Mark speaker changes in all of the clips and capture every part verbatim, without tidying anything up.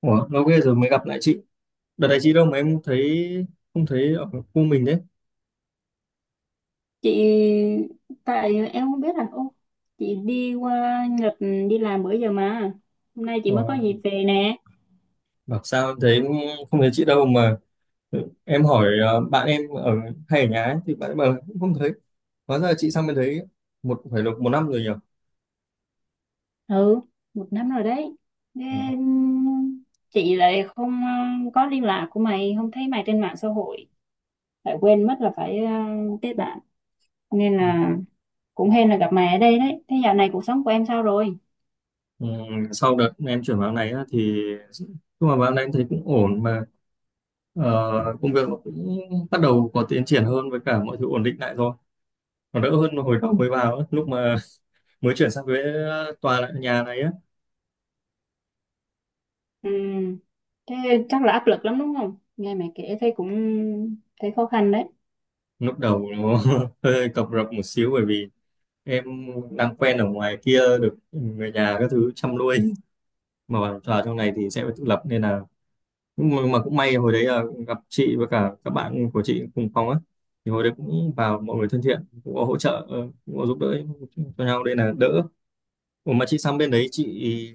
Speaker 1: Ủa, lâu ghê rồi mới gặp lại chị. Đợt này chị đâu mà em thấy không thấy ở khu mình đấy.
Speaker 2: Chị, tại em không biết là ô chị đi qua Nhật đi làm bữa giờ mà hôm nay chị mới có
Speaker 1: Ủa,
Speaker 2: dịp về nè.
Speaker 1: bảo sao em thấy không thấy chị đâu mà, ừ, em hỏi ờ, bạn em ở hay ở nhà ấy, thì bạn em bảo là cũng không thấy. Hóa ra là chị sang bên đấy một phải được một năm rồi nhỉ.
Speaker 2: Ừ, một năm rồi đấy,
Speaker 1: Ừ.
Speaker 2: nên chị lại không ờ, có liên lạc của mày, không thấy mày trên mạng xã hội, lại quên mất là phải ờ, kết bạn, nên
Speaker 1: Ừ,
Speaker 2: là cũng hên là gặp mày ở đây đấy. Thế dạo này cuộc sống của em sao rồi?
Speaker 1: ừ, sau đợt em chuyển vào này á, thì nhưng mà vào này em thấy cũng ổn mà, ờ, công việc nó cũng bắt đầu có tiến triển hơn với cả mọi thứ ổn định lại rồi. Nó đỡ hơn hồi đầu mới vào ấy, lúc mà mới chuyển sang với tòa lại nhà này á.
Speaker 2: Ừ, thế chắc là áp lực lắm đúng không? Nghe mày kể thấy cũng thấy khó khăn đấy.
Speaker 1: Lúc đầu nó hơi cập rập một xíu, bởi vì em đang quen ở ngoài kia được người nhà các thứ chăm nuôi, mà vào vào trong này thì sẽ phải tự lập. Nên là nhưng mà, mà cũng may hồi đấy là gặp chị với cả các bạn của chị cùng phòng á, thì hồi đấy cũng vào mọi người thân thiện, cũng có hỗ trợ, ờ, cũng có giúp đỡ cho nhau đây là đỡ. Ủa mà chị sang bên đấy chị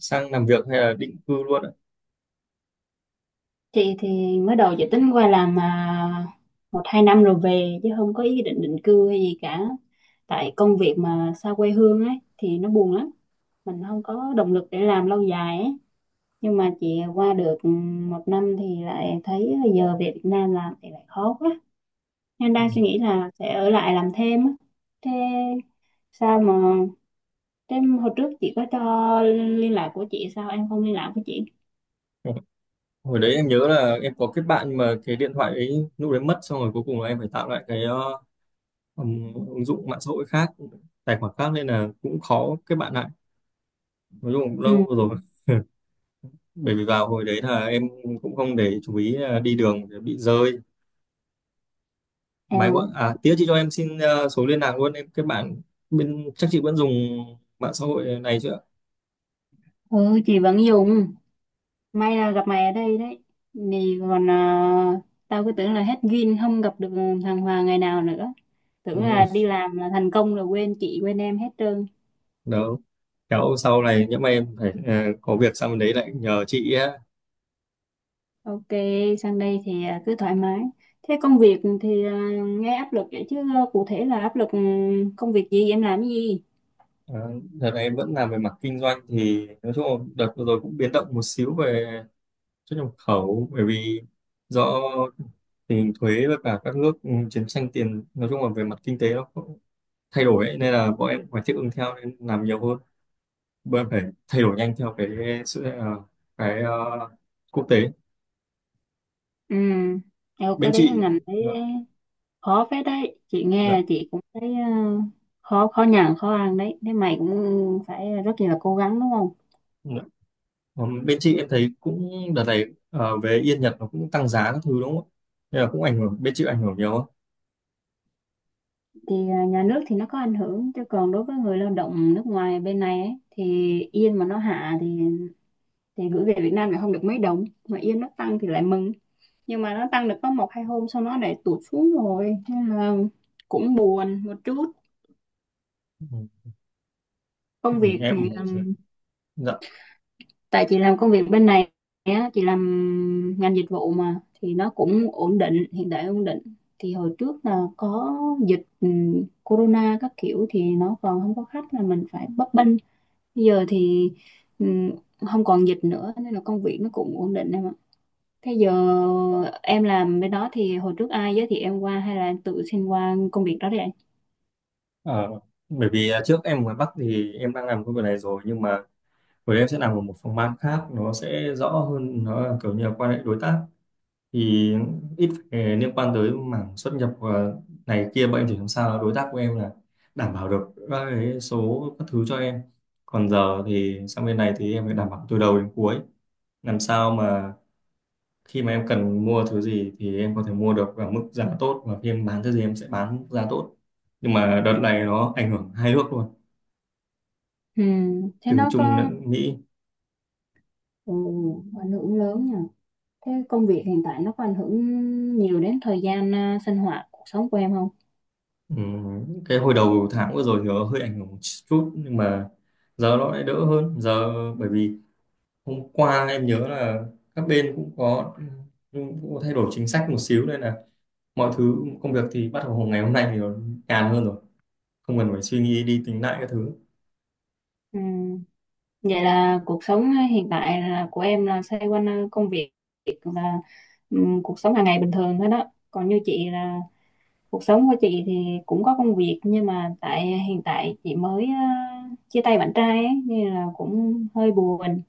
Speaker 1: sang làm việc hay là định cư luôn ạ?
Speaker 2: Thì thì mới đầu dự tính qua làm mà một hai năm rồi về, chứ không có ý định định cư hay gì cả. Tại công việc mà xa quê hương ấy thì nó buồn lắm, mình không có động lực để làm lâu dài ấy. Nhưng mà chị qua được ừ, một năm thì lại thấy giờ về Việt Nam làm thì lại khó quá, nên
Speaker 1: Ừ.
Speaker 2: đang suy nghĩ là sẽ ở lại làm thêm á. Thế sao mà Thế hồi trước chị có cho liên lạc của chị, sao em không liên lạc với chị?
Speaker 1: Hồi đấy em nhớ là em có kết bạn, nhưng mà cái điện thoại ấy lúc đấy mất, xong rồi cuối cùng là em phải tạo lại cái ờ, um, ứng dụng mạng xã hội khác, tài khoản khác, nên là cũng khó kết bạn lại. Nói chung cũng
Speaker 2: Ừ,
Speaker 1: lâu rồi, bởi vì vào hồi đấy là em cũng không để chú ý là đi đường để bị rơi máy gọi
Speaker 2: em.
Speaker 1: à tía chị cho em xin ờ, số liên lạc luôn, em kết bạn bên chắc chị vẫn dùng mạng xã hội này chưa.
Speaker 2: Ừ, chị vẫn dùng. May là gặp mày ở đây đấy. Thì còn à, tao cứ tưởng là hết duyên không gặp được thằng Hoàng ngày nào nữa. Tưởng
Speaker 1: ừ,
Speaker 2: là đi làm là thành công rồi quên chị quên em hết trơn.
Speaker 1: Đó kéo sau này nhỡ mà em phải, ờ, có việc sang bên đấy lại nhờ chị á.
Speaker 2: Ok, sang đây thì à, cứ thoải mái. Thế công việc thì à, nghe áp lực vậy chứ à, cụ thể là áp lực ừ, công việc gì, em làm cái gì?
Speaker 1: Ờ, Đợt này em vẫn làm về mặt kinh doanh, thì nói chung là đợt vừa rồi cũng biến động một xíu về xuất nhập khẩu, bởi vì do tình hình thuế với cả các nước, ừ, chiến tranh tiền, nói chung là về mặt kinh tế nó cũng thay đổi ấy, nên là bọn em cũng phải thích ứng theo, nên làm nhiều hơn. Bọn em phải thay đổi nhanh theo cái sự ờ, cái ờ, quốc tế
Speaker 2: Ừ, theo
Speaker 1: bên
Speaker 2: cái đấy,
Speaker 1: chị.
Speaker 2: ngành đấy
Speaker 1: Dạ,
Speaker 2: khó phết đấy. Chị
Speaker 1: dạ,
Speaker 2: nghe chị cũng thấy à, khó khó nhằn, khó ăn đấy. Thế mày cũng phải rất là cố gắng đúng không?
Speaker 1: dạ. Ừm, bên chị em thấy cũng đợt này, ờ, về yên Nhật nó cũng tăng giá các thứ đúng không ạ? Nên là cũng ảnh hưởng bên chị ảnh hưởng nhiều không?
Speaker 2: Thì à, nhà nước thì nó có ảnh hưởng, chứ còn đối với người lao động nước ngoài bên này ấy, thì yên mà nó hạ thì thì gửi về Việt Nam lại không được mấy đồng, mà yên nó tăng thì lại mừng. Nhưng mà nó tăng được có một hai hôm sau nó lại tụt xuống rồi, nên là cũng buồn một chút.
Speaker 1: Ừ, ừ,
Speaker 2: Công việc thì
Speaker 1: em
Speaker 2: um,
Speaker 1: dạ.
Speaker 2: tại chị làm công việc bên này á, chị làm ngành dịch vụ mà, thì nó cũng ổn định, hiện tại ổn định. Thì hồi trước là có dịch um, corona các kiểu thì nó còn không có khách, là mình phải bấp bênh. Bây giờ thì ừm, không còn dịch nữa, nên là công việc nó cũng ổn định em ạ. Thế giờ em làm bên đó thì hồi trước ai giới thiệu em qua hay là em tự xin qua công việc đó đấy anh?
Speaker 1: Ờ, Bởi vì à, trước em ở ngoài Bắc thì em đang làm công việc này rồi, nhưng mà của em sẽ làm ở một phòng ban khác, nó sẽ rõ hơn, nó là kiểu như là quan hệ đối tác, thì ít phải liên quan tới mảng xuất nhập và này kia. Bọn em chỉ làm sao đối tác của em là đảm bảo được các cái số các thứ cho em, còn giờ thì sang bên này thì em phải đảm bảo từ đầu đến cuối, làm sao mà khi mà em cần mua thứ gì thì em có thể mua được ở mức giá tốt, và khi em bán thứ gì em sẽ bán mức giá tốt. Nhưng mà đợt này nó ảnh hưởng hai nước luôn,
Speaker 2: Ừm, thế
Speaker 1: từ
Speaker 2: nó
Speaker 1: Trung
Speaker 2: có
Speaker 1: lẫn Mỹ.
Speaker 2: ừ, ảnh hưởng lớn nhỉ? Thế công việc hiện tại nó có ảnh hưởng nhiều đến thời gian à, sinh hoạt cuộc sống của em không?
Speaker 1: Ừ, cái hồi đầu tháng vừa rồi thì nó hơi ảnh hưởng một chút, nhưng mà giờ nó lại đỡ hơn giờ, bởi vì hôm qua em nhớ là các bên cũng có, ừ, cũng có thay đổi chính sách một xíu, nên là mọi thứ công việc thì bắt đầu ngày hôm nay thì nó nhàn hơn rồi, không cần phải suy nghĩ đi tính lại các thứ.
Speaker 2: Ừm, Vậy là cuộc sống hiện tại là của em là xoay quanh à, công việc và ừm, cuộc sống hàng ngày bình thường thôi đó. Còn như chị là, cuộc sống của chị thì cũng có công việc, nhưng mà tại hiện tại chị mới ờ, chia tay bạn trai ấy, nên là cũng hơi buồn.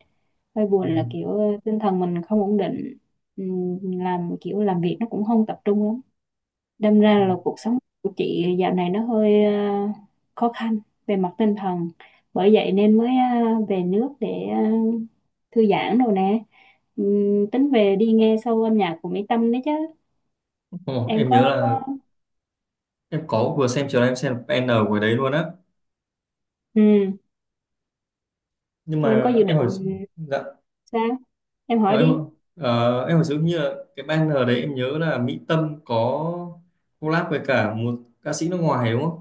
Speaker 2: Hơi
Speaker 1: Ừ.
Speaker 2: buồn là kiểu ờ, tinh thần mình không ổn định. Ừm, làm kiểu làm việc nó cũng không tập trung lắm, đâm ra
Speaker 1: Ừ.
Speaker 2: là cuộc sống của chị dạo này nó hơi ờ, khó khăn về mặt tinh thần. Bởi vậy nên mới ờ, về nước để ờ, thư giãn đồ nè. Ừm, tính về đi nghe show âm nhạc của Mỹ Tâm đấy chứ.
Speaker 1: Ồ,
Speaker 2: Em
Speaker 1: em nhớ
Speaker 2: có?
Speaker 1: là em có vừa xem chiều nay em xem N của đấy luôn á,
Speaker 2: Ừ.
Speaker 1: nhưng
Speaker 2: Thì em có
Speaker 1: mà
Speaker 2: dự
Speaker 1: em
Speaker 2: định
Speaker 1: hỏi. Dạ.
Speaker 2: sao? Em
Speaker 1: Ờ,
Speaker 2: hỏi đi.
Speaker 1: em ờ, em phải giống như là cái banner đấy, em nhớ là Mỹ Tâm có collab với cả một ca sĩ nước ngoài đúng không?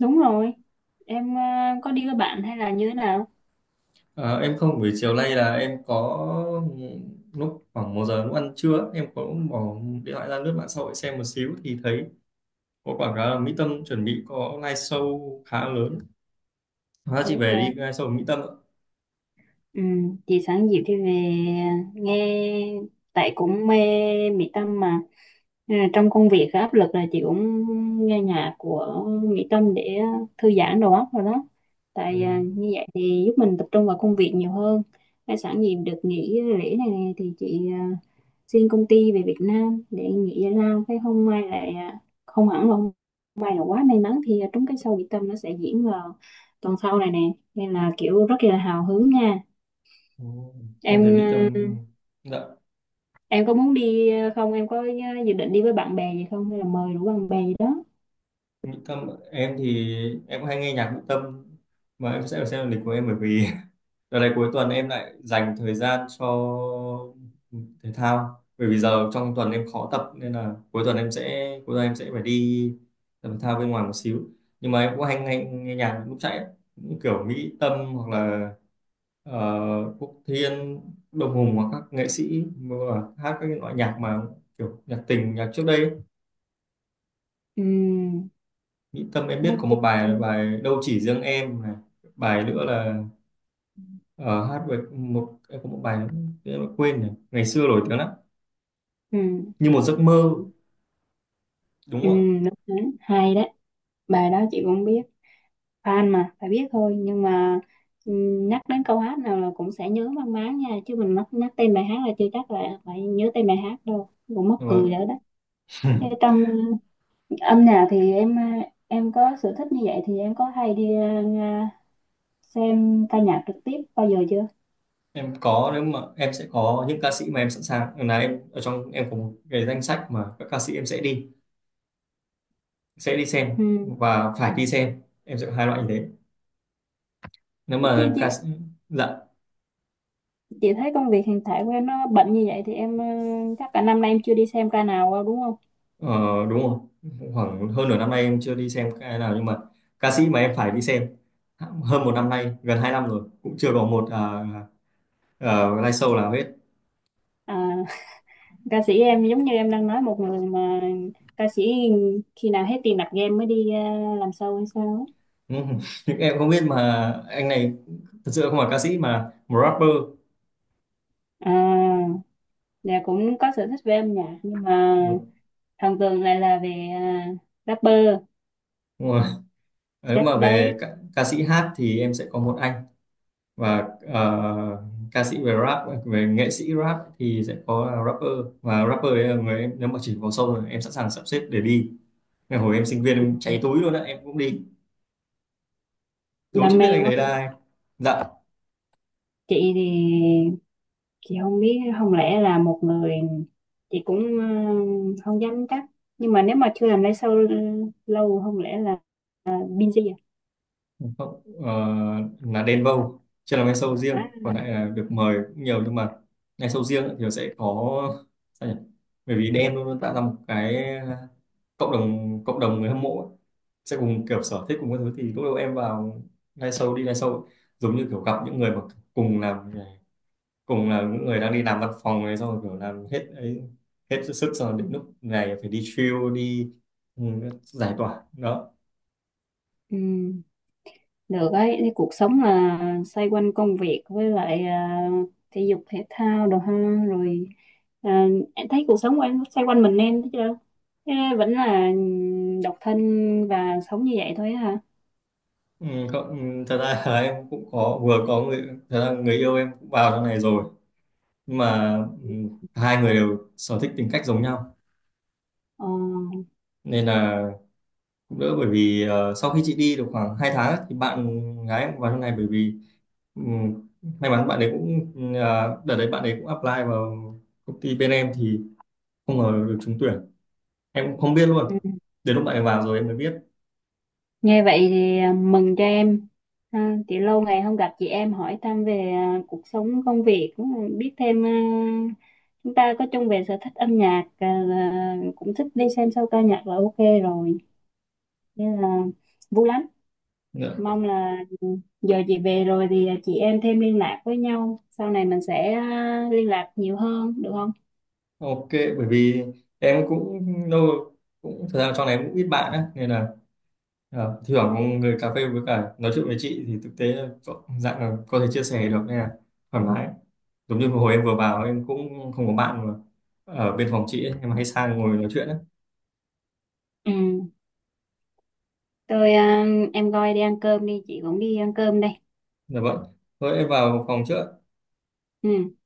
Speaker 2: Đúng rồi. Em ờ, có đi với bạn hay là như thế nào?
Speaker 1: Ờ, em không buổi chiều nay là em có lúc khoảng một giờ lúc ăn trưa em có bỏ điện thoại ra lướt mạng xã hội xem một xíu thì thấy có quảng cáo là Mỹ Tâm chuẩn bị có live show khá lớn. Hóa chị
Speaker 2: Đúng
Speaker 1: về đi
Speaker 2: rồi.
Speaker 1: live show của Mỹ Tâm ạ.
Speaker 2: Ừ, chị sáng dịu thì về nghe, tại cũng mê Mỹ Tâm mà. Nên là trong công việc có áp lực là chị cũng nghe nhạc của Mỹ Tâm để thư giãn đầu óc rồi đó,
Speaker 1: Ừ,
Speaker 2: tại à, như vậy thì giúp mình tập trung vào công việc nhiều hơn. Hay sẵn dịp được nghỉ lễ này nè thì chị à, xin công ty về Việt Nam để nghỉ giải lao. Cái hôm mai lại à, không hẳn là hôm mai, là quá may mắn thì trúng cái show Mỹ Tâm, nó sẽ diễn vào tuần sau này nè, nên là kiểu rất là hào hứng nha.
Speaker 1: ừ. Em
Speaker 2: em
Speaker 1: thấy Mỹ
Speaker 2: ờ,
Speaker 1: Tâm. Dạ,
Speaker 2: em có muốn đi ờ, không? Em có ờ, dự định đi với bạn bè gì không, hay là mời đủ bạn bè gì đó?
Speaker 1: Mỹ Tâm em thì em cũng hay nghe nhạc Mỹ Tâm, mà em sẽ phải xem lịch của em, bởi vì đợt này cuối tuần em lại dành thời gian cho thể thao, bởi vì giờ trong tuần em khó tập, nên là cuối tuần em sẽ cuối tuần em sẽ phải đi tập thể thao bên ngoài một xíu, nhưng mà em cũng hay nghe, nghe nhạc lúc chạy ấy. Cũng kiểu Mỹ Tâm hoặc là uh, Quốc Thiên, Đông Hùng, hoặc các nghệ sĩ mà hát các cái loại nhạc mà kiểu nhạc tình, nhạc trước đây ấy.
Speaker 2: Ừ,
Speaker 1: Mỹ Tâm em biết
Speaker 2: nói
Speaker 1: có một bài là
Speaker 2: chung.
Speaker 1: bài Đâu Chỉ Riêng Em này, bài nữa là, Ờ, hát về một em có một bài em đã quên rồi, ngày xưa nổi tiếng lắm,
Speaker 2: Ừ,
Speaker 1: như một giấc mơ đúng
Speaker 2: ừ,
Speaker 1: không ạ?
Speaker 2: đúng đấy. Hay đấy, bài đó chị cũng biết, fan mà phải biết thôi. Nhưng mà ừ, nhắc đến câu hát nào là cũng sẽ nhớ mang máng nha, chứ mình nhắc, nhắc tên bài hát là chưa chắc là phải nhớ tên bài hát đâu. Cũng mắc cười rồi
Speaker 1: Vâng.
Speaker 2: đó. Thế trong ờ, âm nhạc thì em ờ, em có sở thích như vậy, thì em có hay đi ờ, nghe- xem ca nhạc trực tiếp bao giờ chưa?
Speaker 1: Em có, nếu mà em sẽ có những ca sĩ mà em sẵn sàng là em ở trong, em có một cái danh sách mà các ca sĩ em sẽ đi, sẽ đi xem
Speaker 2: Ừ.
Speaker 1: và phải đi xem, em sẽ có hai loại như thế. Nếu
Speaker 2: Chứ,
Speaker 1: mà
Speaker 2: chứ
Speaker 1: ca sĩ. Dạ.
Speaker 2: chị thấy công việc hiện tại của em nó bận như vậy, thì em ờ, chắc cả năm nay em chưa đi xem ca nào đâu đúng không?
Speaker 1: ờ, Đúng rồi. Khoảng hơn nửa năm nay em chưa đi xem cái nào, nhưng mà ca sĩ mà em phải đi xem hơn một năm nay, gần hai năm rồi cũng chưa có một à, à, live show nào hết.
Speaker 2: À, ca sĩ em giống như em đang nói một người mà, ca sĩ khi nào hết tiền đặt game mới đi ờ, làm show hay sao ấy?
Speaker 1: Ừ, nhưng em không biết, mà anh này thật sự không phải ca sĩ mà một rapper.
Speaker 2: À, dạ cũng có sở thích về âm nhạc, nhưng mà
Speaker 1: Ừ,
Speaker 2: thần tượng lại là về ờ, rapper.
Speaker 1: đúng rồi. Ờ, nếu
Speaker 2: Chắc
Speaker 1: mà về
Speaker 2: đấy,
Speaker 1: ca, ca sĩ hát thì em sẽ có một anh, và ờ, ca sĩ về rap, về nghệ sĩ rap thì sẽ có là rapper, và rapper đấy là người em nếu mà chỉ vào sâu rồi em sẵn sàng sắp xếp để đi. Ngày hồi em sinh viên em cháy túi luôn á em cũng đi. Đố
Speaker 2: đam
Speaker 1: chứ biết
Speaker 2: mê
Speaker 1: anh
Speaker 2: quá.
Speaker 1: đấy là ai. Dạ
Speaker 2: Chị thì chị không biết, không lẽ là một người chị cũng ờ, không dám chắc, nhưng mà nếu mà chưa làm lái sau lâu, không lẽ là busy à?
Speaker 1: không, ờ, là Đen Vâu. Chưa làm live show
Speaker 2: à
Speaker 1: riêng, còn lại là được mời cũng nhiều, nhưng mà live show riêng thì sẽ có sao nhỉ, bởi vì Đen luôn luôn tạo ra một cái, ờ, cộng đồng cộng đồng người hâm mộ ấy. Sẽ cùng kiểu sở thích cùng các thứ, thì lúc đầu em vào live show, đi live show ấy, giống như kiểu gặp những người mà cùng làm, cùng là những người đang đi làm văn phòng này, xong rồi kiểu làm hết ấy, hết sức xong rồi đến lúc này phải đi chill đi, ừ, giải tỏa đó.
Speaker 2: ừm, Được ấy, thì cuộc sống là xoay quanh công việc với lại ờ, thể dục thể thao đồ ha. Rồi ờ, em thấy cuộc sống của em xoay quanh mình, em thấy chưa? Thế vẫn là độc thân và sống như vậy thôi á hả?
Speaker 1: Ừ, không, ừ, thật ra là em cũng có vừa có người, thật ra người yêu em cũng vào trong này rồi, nhưng mà ừ, hai người đều sở thích tính cách giống nhau,
Speaker 2: Ờ.
Speaker 1: nên là cũng đỡ, bởi vì ờ, sau khi chị đi được khoảng hai tháng ấy, thì bạn gái em cũng vào trong này, bởi vì ừ, may mắn bạn ấy cũng, ờ, đợt đấy bạn ấy cũng apply vào công ty bên em, thì không ngờ được trúng tuyển, em cũng không biết luôn,
Speaker 2: Ừ.
Speaker 1: đến lúc bạn ấy vào rồi em mới biết.
Speaker 2: Nghe vậy thì ờ, mừng cho em. À, chị lâu ngày không gặp, chị em hỏi thăm về à, cuộc sống công việc, cũng biết thêm à, chúng ta có chung về sở thích âm nhạc à, là cũng thích đi xem show ca nhạc là ok rồi, nên là vui lắm.
Speaker 1: Dạ.
Speaker 2: Mong là giờ chị về rồi thì chị em thêm liên lạc với nhau, sau này mình sẽ à, liên lạc nhiều hơn, được không?
Speaker 1: Ok, bởi vì em cũng lâu, cũng thời gian trong này em cũng ít bạn á, nên là ờ, thưởng người cà phê với cả nói chuyện với chị thì thực tế là có- dạng là có thể chia sẻ được, nên là thoải mái. Giống như hồi em vừa vào em cũng không có bạn mà ở bên phòng chị ấy, em hay sang ngồi nói chuyện á.
Speaker 2: Ừ. tôi à, em coi đi ăn cơm đi, chị cũng đi ăn cơm đây.
Speaker 1: Dạ vâng. Thôi em vào phòng trước.
Speaker 2: Ừ.